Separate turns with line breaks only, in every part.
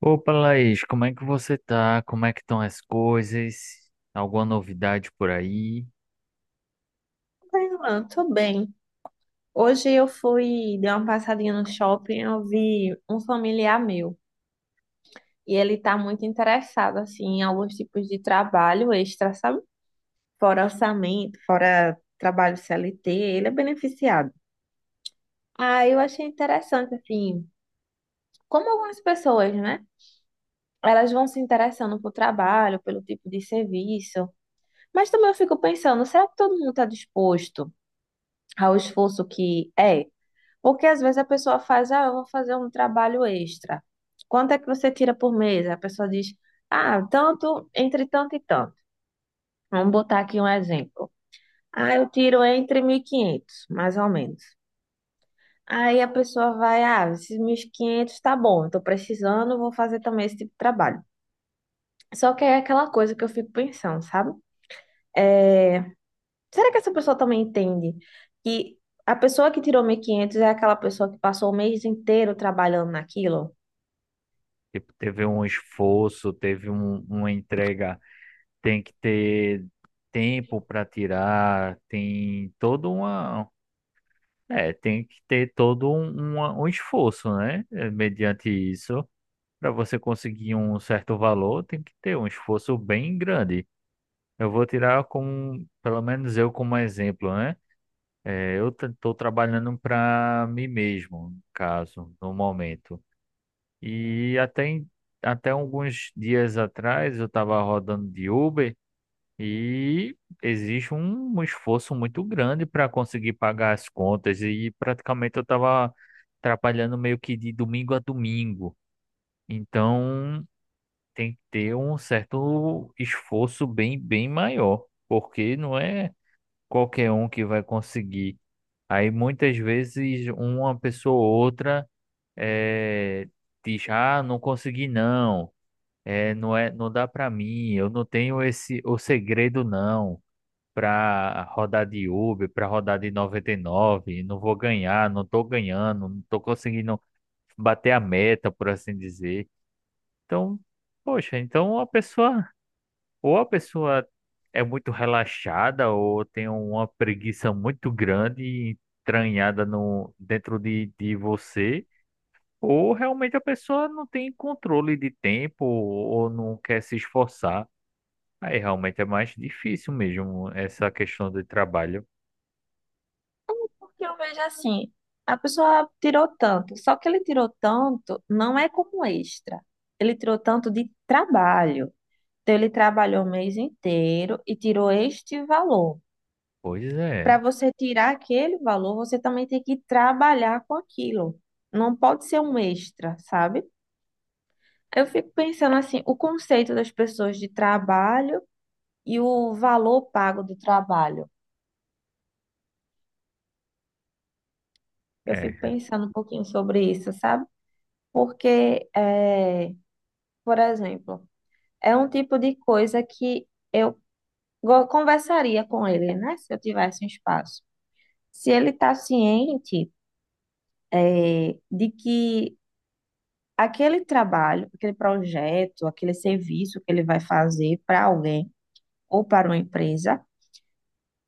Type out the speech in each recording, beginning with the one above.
Opa, Laís, como é que você tá? Como é que estão as coisas? Alguma novidade por aí?
Ah, tô bem. Hoje eu fui, dei uma passadinha no shopping, eu vi um familiar meu e ele tá muito interessado assim em alguns tipos de trabalho extra, sabe? Fora orçamento, fora trabalho CLT, ele é beneficiado. Ah, eu achei interessante assim, como algumas pessoas, né? Elas vão se interessando por trabalho, pelo tipo de serviço, mas também eu fico pensando, será que todo mundo está disposto ao esforço que é? Porque às vezes a pessoa faz, ah, eu vou fazer um trabalho extra. Quanto é que você tira por mês? A pessoa diz, ah, tanto, entre tanto e tanto. Vamos botar aqui um exemplo. Ah, eu tiro entre 1.500 mais ou menos. Aí a pessoa vai, ah, esses 1.500 tá bom, eu tô precisando, vou fazer também esse tipo de trabalho. Só que é aquela coisa que eu fico pensando, sabe? É, Será que essa pessoa também entende que a pessoa que tirou 1.500 é aquela pessoa que passou o mês inteiro trabalhando naquilo?
Tipo, teve um esforço, teve uma entrega, tem que ter tempo para tirar, tem toda uma, tem que ter todo um esforço, né? Mediante isso, para você conseguir um certo valor, tem que ter um esforço bem grande. Eu vou tirar como, pelo menos eu como exemplo, né? Eu estou trabalhando para mim mesmo, no caso, no momento. E até alguns dias atrás eu estava rodando de Uber e existe um esforço muito grande para conseguir pagar as contas e praticamente eu estava trabalhando meio que de domingo a domingo. Então tem que ter um certo esforço bem maior, porque não é qualquer um que vai conseguir. Aí muitas vezes uma pessoa ou outra eh, diz, ah, não consegui não, não dá para mim, eu não tenho esse o segredo não para rodar de Uber, para rodar de 99 não vou ganhar, não tô ganhando, não tô conseguindo bater a meta, por assim dizer. Então, poxa, então a pessoa ou a pessoa é muito relaxada, ou tem uma preguiça muito grande e entranhada no, dentro de você, ou realmente a pessoa não tem controle de tempo ou não quer se esforçar. Aí realmente é mais difícil mesmo essa questão do trabalho.
Que eu vejo assim, a pessoa tirou tanto, só que ele tirou tanto não é como extra. Ele tirou tanto de trabalho. Então ele trabalhou o mês inteiro e tirou este valor.
Pois
Para
é,
você tirar aquele valor, você também tem que trabalhar com aquilo. Não pode ser um extra, sabe? Eu fico pensando assim, o conceito das pessoas de trabalho e o valor pago do trabalho. Eu fico
é.
pensando um pouquinho sobre isso, sabe? Porque é, por exemplo, é um tipo de coisa que eu conversaria com ele, né? Se eu tivesse um espaço. Se ele está ciente, de que aquele trabalho, aquele projeto, aquele serviço que ele vai fazer para alguém ou para uma empresa,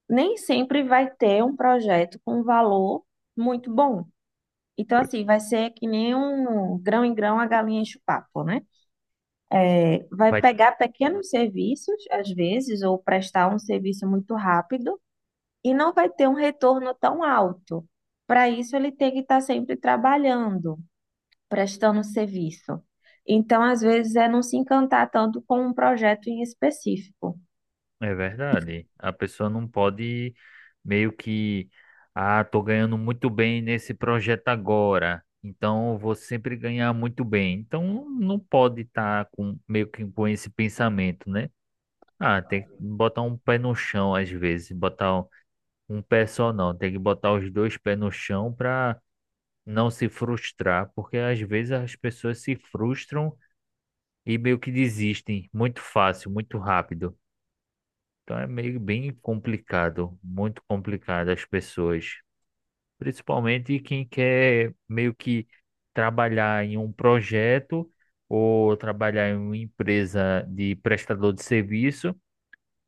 nem sempre vai ter um projeto com um valor muito bom. Então, assim, vai ser que nem um grão em grão a galinha enche o papo, né? Vai
Vai
pegar pequenos serviços, às vezes, ou prestar um serviço muito rápido e não vai ter um retorno tão alto. Para isso, ele tem que estar sempre trabalhando, prestando serviço. Então, às vezes, é não se encantar tanto com um projeto em específico.
É verdade. A pessoa não pode meio que, ah, tô ganhando muito bem nesse projeto agora, então eu vou sempre ganhar muito bem. Então não pode estar com meio que com esse pensamento, né? Ah, tem que botar um pé no chão às vezes, botar um pé só não, tem que botar os dois pés no chão para não se frustrar, porque às vezes as pessoas se frustram e meio que desistem muito fácil, muito rápido. Então é meio bem complicado, muito complicado as pessoas, principalmente quem quer meio que trabalhar em um projeto ou trabalhar em uma empresa de prestador de serviço,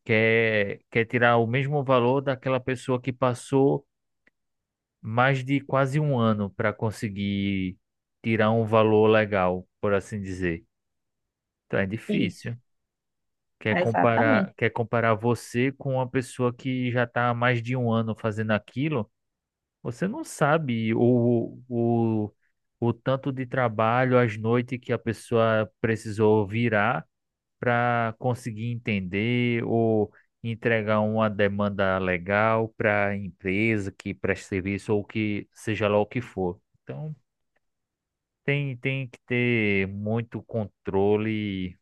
quer tirar o mesmo valor daquela pessoa que passou mais de quase um ano para conseguir tirar um valor legal, por assim dizer. Então é
Isso,
difícil.
exatamente.
Quer comparar você com uma pessoa que já está há mais de um ano fazendo aquilo? Você não sabe o tanto de trabalho, as noites que a pessoa precisou virar para conseguir entender ou entregar uma demanda legal para a empresa que presta serviço ou que seja lá o que for. Então, tem que ter muito controle.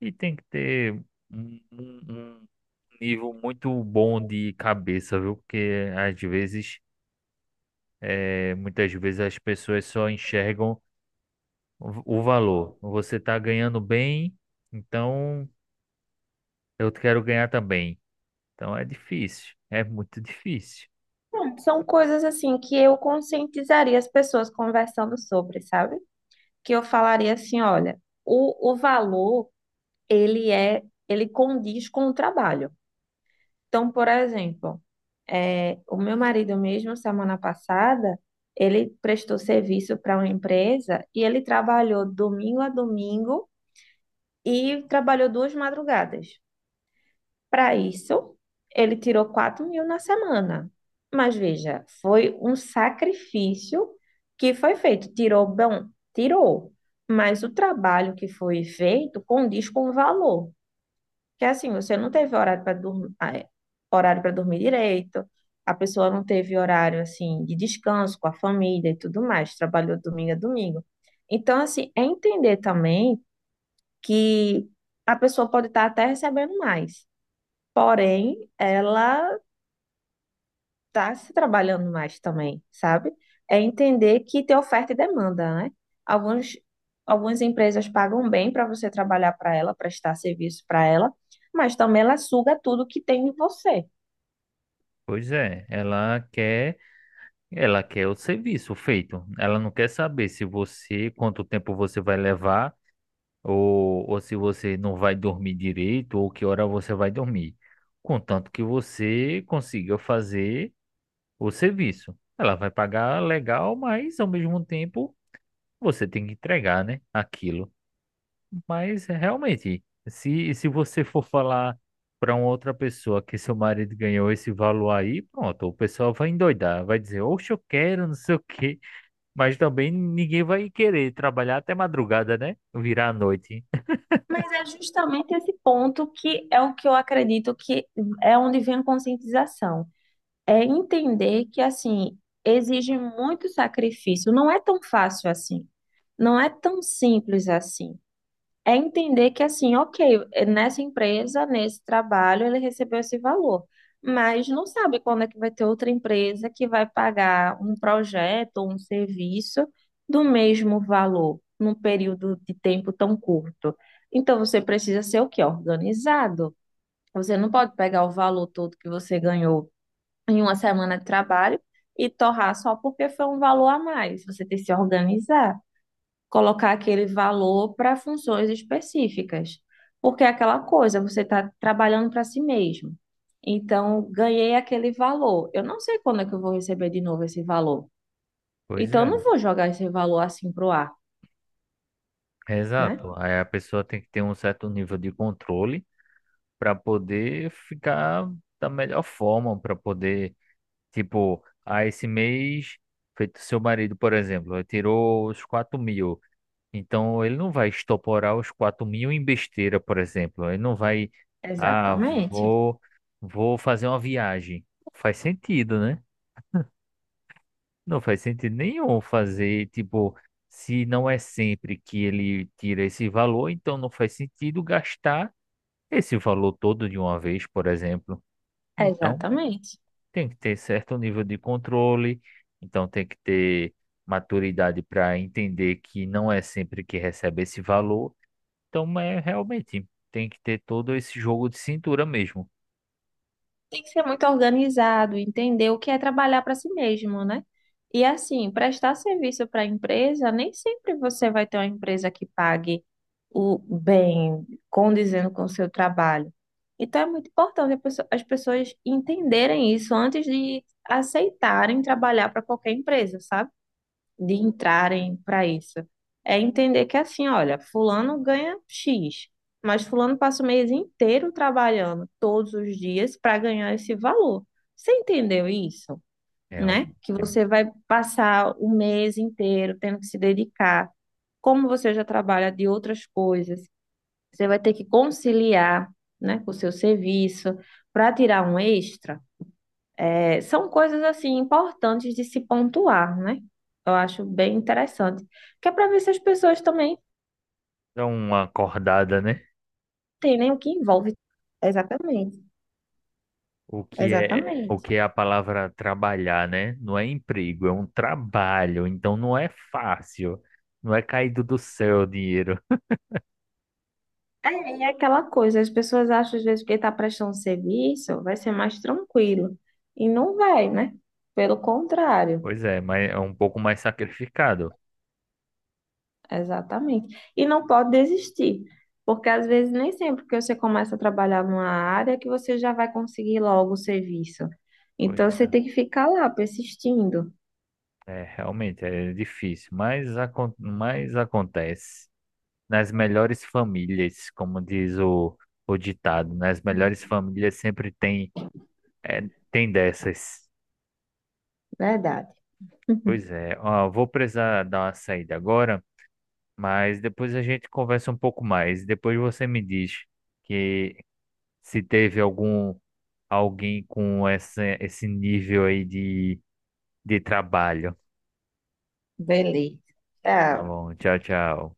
E tem que ter um nível muito bom de cabeça, viu? Porque às vezes, muitas vezes as pessoas só enxergam o valor. Você está ganhando bem, então eu quero ganhar também. Então é difícil, é muito difícil.
Bom, são coisas assim que eu conscientizaria as pessoas conversando sobre, sabe? Que eu falaria assim, olha, o valor, ele condiz com o trabalho. Então, por exemplo, é, o meu marido mesmo, semana passada, ele prestou serviço para uma empresa e ele trabalhou domingo a domingo e trabalhou duas madrugadas. Para isso, ele tirou 4.000 na semana. Mas veja, foi um sacrifício que foi feito. Tirou, bom, tirou. Mas o trabalho que foi feito condiz com o valor. Que é assim, você não teve horário para dormir direito, a pessoa não teve horário assim de descanso com a família e tudo mais, trabalhou domingo a domingo. Então, assim, é entender também que a pessoa pode estar até recebendo mais, porém, ela tá se trabalhando mais também, sabe? É entender que tem oferta e demanda, né? Alguns, algumas empresas pagam bem para você trabalhar para ela, prestar serviço para ela, mas também ela suga tudo que tem em você.
Pois é, ela quer o serviço feito. Ela não quer saber se você, quanto tempo você vai levar, ou se você não vai dormir direito, ou que hora você vai dormir. Contanto que você consiga fazer o serviço. Ela vai pagar legal, mas ao mesmo tempo você tem que entregar, né, aquilo. Mas realmente, se você for falar para uma outra pessoa que seu marido ganhou esse valor aí, pronto, o pessoal vai endoidar, vai dizer, oxe, eu quero, não sei o quê. Mas também ninguém vai querer trabalhar até madrugada, né? Virar a noite.
Mas é justamente esse ponto que é o que eu acredito que é onde vem a conscientização. É entender que, assim, exige muito sacrifício. Não é tão fácil assim. Não é tão simples assim. É entender que, assim, ok, nessa empresa, nesse trabalho, ele recebeu esse valor, mas não sabe quando é que vai ter outra empresa que vai pagar um projeto ou um serviço do mesmo valor, num período de tempo tão curto. Então, você precisa ser o quê? Organizado. Você não pode pegar o valor todo que você ganhou em uma semana de trabalho e torrar só porque foi um valor a mais. Você tem que se organizar colocar aquele valor para funções específicas. Porque é aquela coisa, você está trabalhando para si mesmo. Então, ganhei aquele valor. Eu não sei quando é que eu vou receber de novo esse valor.
Pois
Então, eu
é.
não vou jogar esse valor assim pro ar, né?
Exato. Aí a pessoa tem que ter um certo nível de controle para poder ficar da melhor forma, para poder, tipo, ah, esse mês, feito seu marido, por exemplo, ele tirou os 4.000. Então ele não vai estoporar os 4.000 em besteira, por exemplo. Ele não vai, ah,
Exatamente.
vou, vou fazer uma viagem. Não faz sentido, né? Não faz sentido nenhum fazer, tipo, se não é sempre que ele tira esse valor, então não faz sentido gastar esse valor todo de uma vez, por exemplo. Então,
Exatamente.
tem que ter certo nível de controle, então tem que ter maturidade para entender que não é sempre que recebe esse valor. Então, é realmente, tem que ter todo esse jogo de cintura mesmo.
Tem que ser muito organizado, entender o que é trabalhar para si mesmo, né? E assim, prestar serviço para a empresa, nem sempre você vai ter uma empresa que pague o bem, condizendo com o seu trabalho. Então é muito importante as pessoas entenderem isso antes de aceitarem trabalhar para qualquer empresa, sabe? De entrarem para isso. É entender que assim, olha, fulano ganha X, mas fulano passa o mês inteiro trabalhando todos os dias para ganhar esse valor. Você entendeu isso,
É,
né?
um-
Que você vai passar o mês inteiro tendo que se dedicar. Como você já trabalha de outras coisas, você vai ter que conciliar, né, com o seu serviço para tirar um extra. É, são coisas assim importantes de se pontuar, né? Eu acho bem interessante. Que é para ver se as pessoas também
é uma acordada, né?
entendem o que envolve. Exatamente,
O
exatamente.
que é a palavra trabalhar, né? Não é emprego, é um trabalho, então não é fácil. Não é caído do céu o dinheiro.
É, e é aquela coisa, as pessoas acham às vezes que está prestando serviço vai ser mais tranquilo. E não vai, né? Pelo contrário,
Pois é, mas é um pouco mais sacrificado.
exatamente. E não pode desistir, porque às vezes nem sempre que você começa a trabalhar numa área que você já vai conseguir logo o serviço.
Pois
Então você
é,
tem que ficar lá persistindo.
realmente é difícil, mas, acon mas acontece. Nas melhores famílias, como diz o ditado, nas melhores famílias sempre tem, é, tem dessas.
Verdade.
Pois é, ó, vou precisar dar uma saída agora. Mas depois a gente conversa um pouco mais. Depois você me diz que se teve algum alguém com esse nível aí de trabalho.
Beleza.
Tá
Tchau.
bom, tchau, tchau.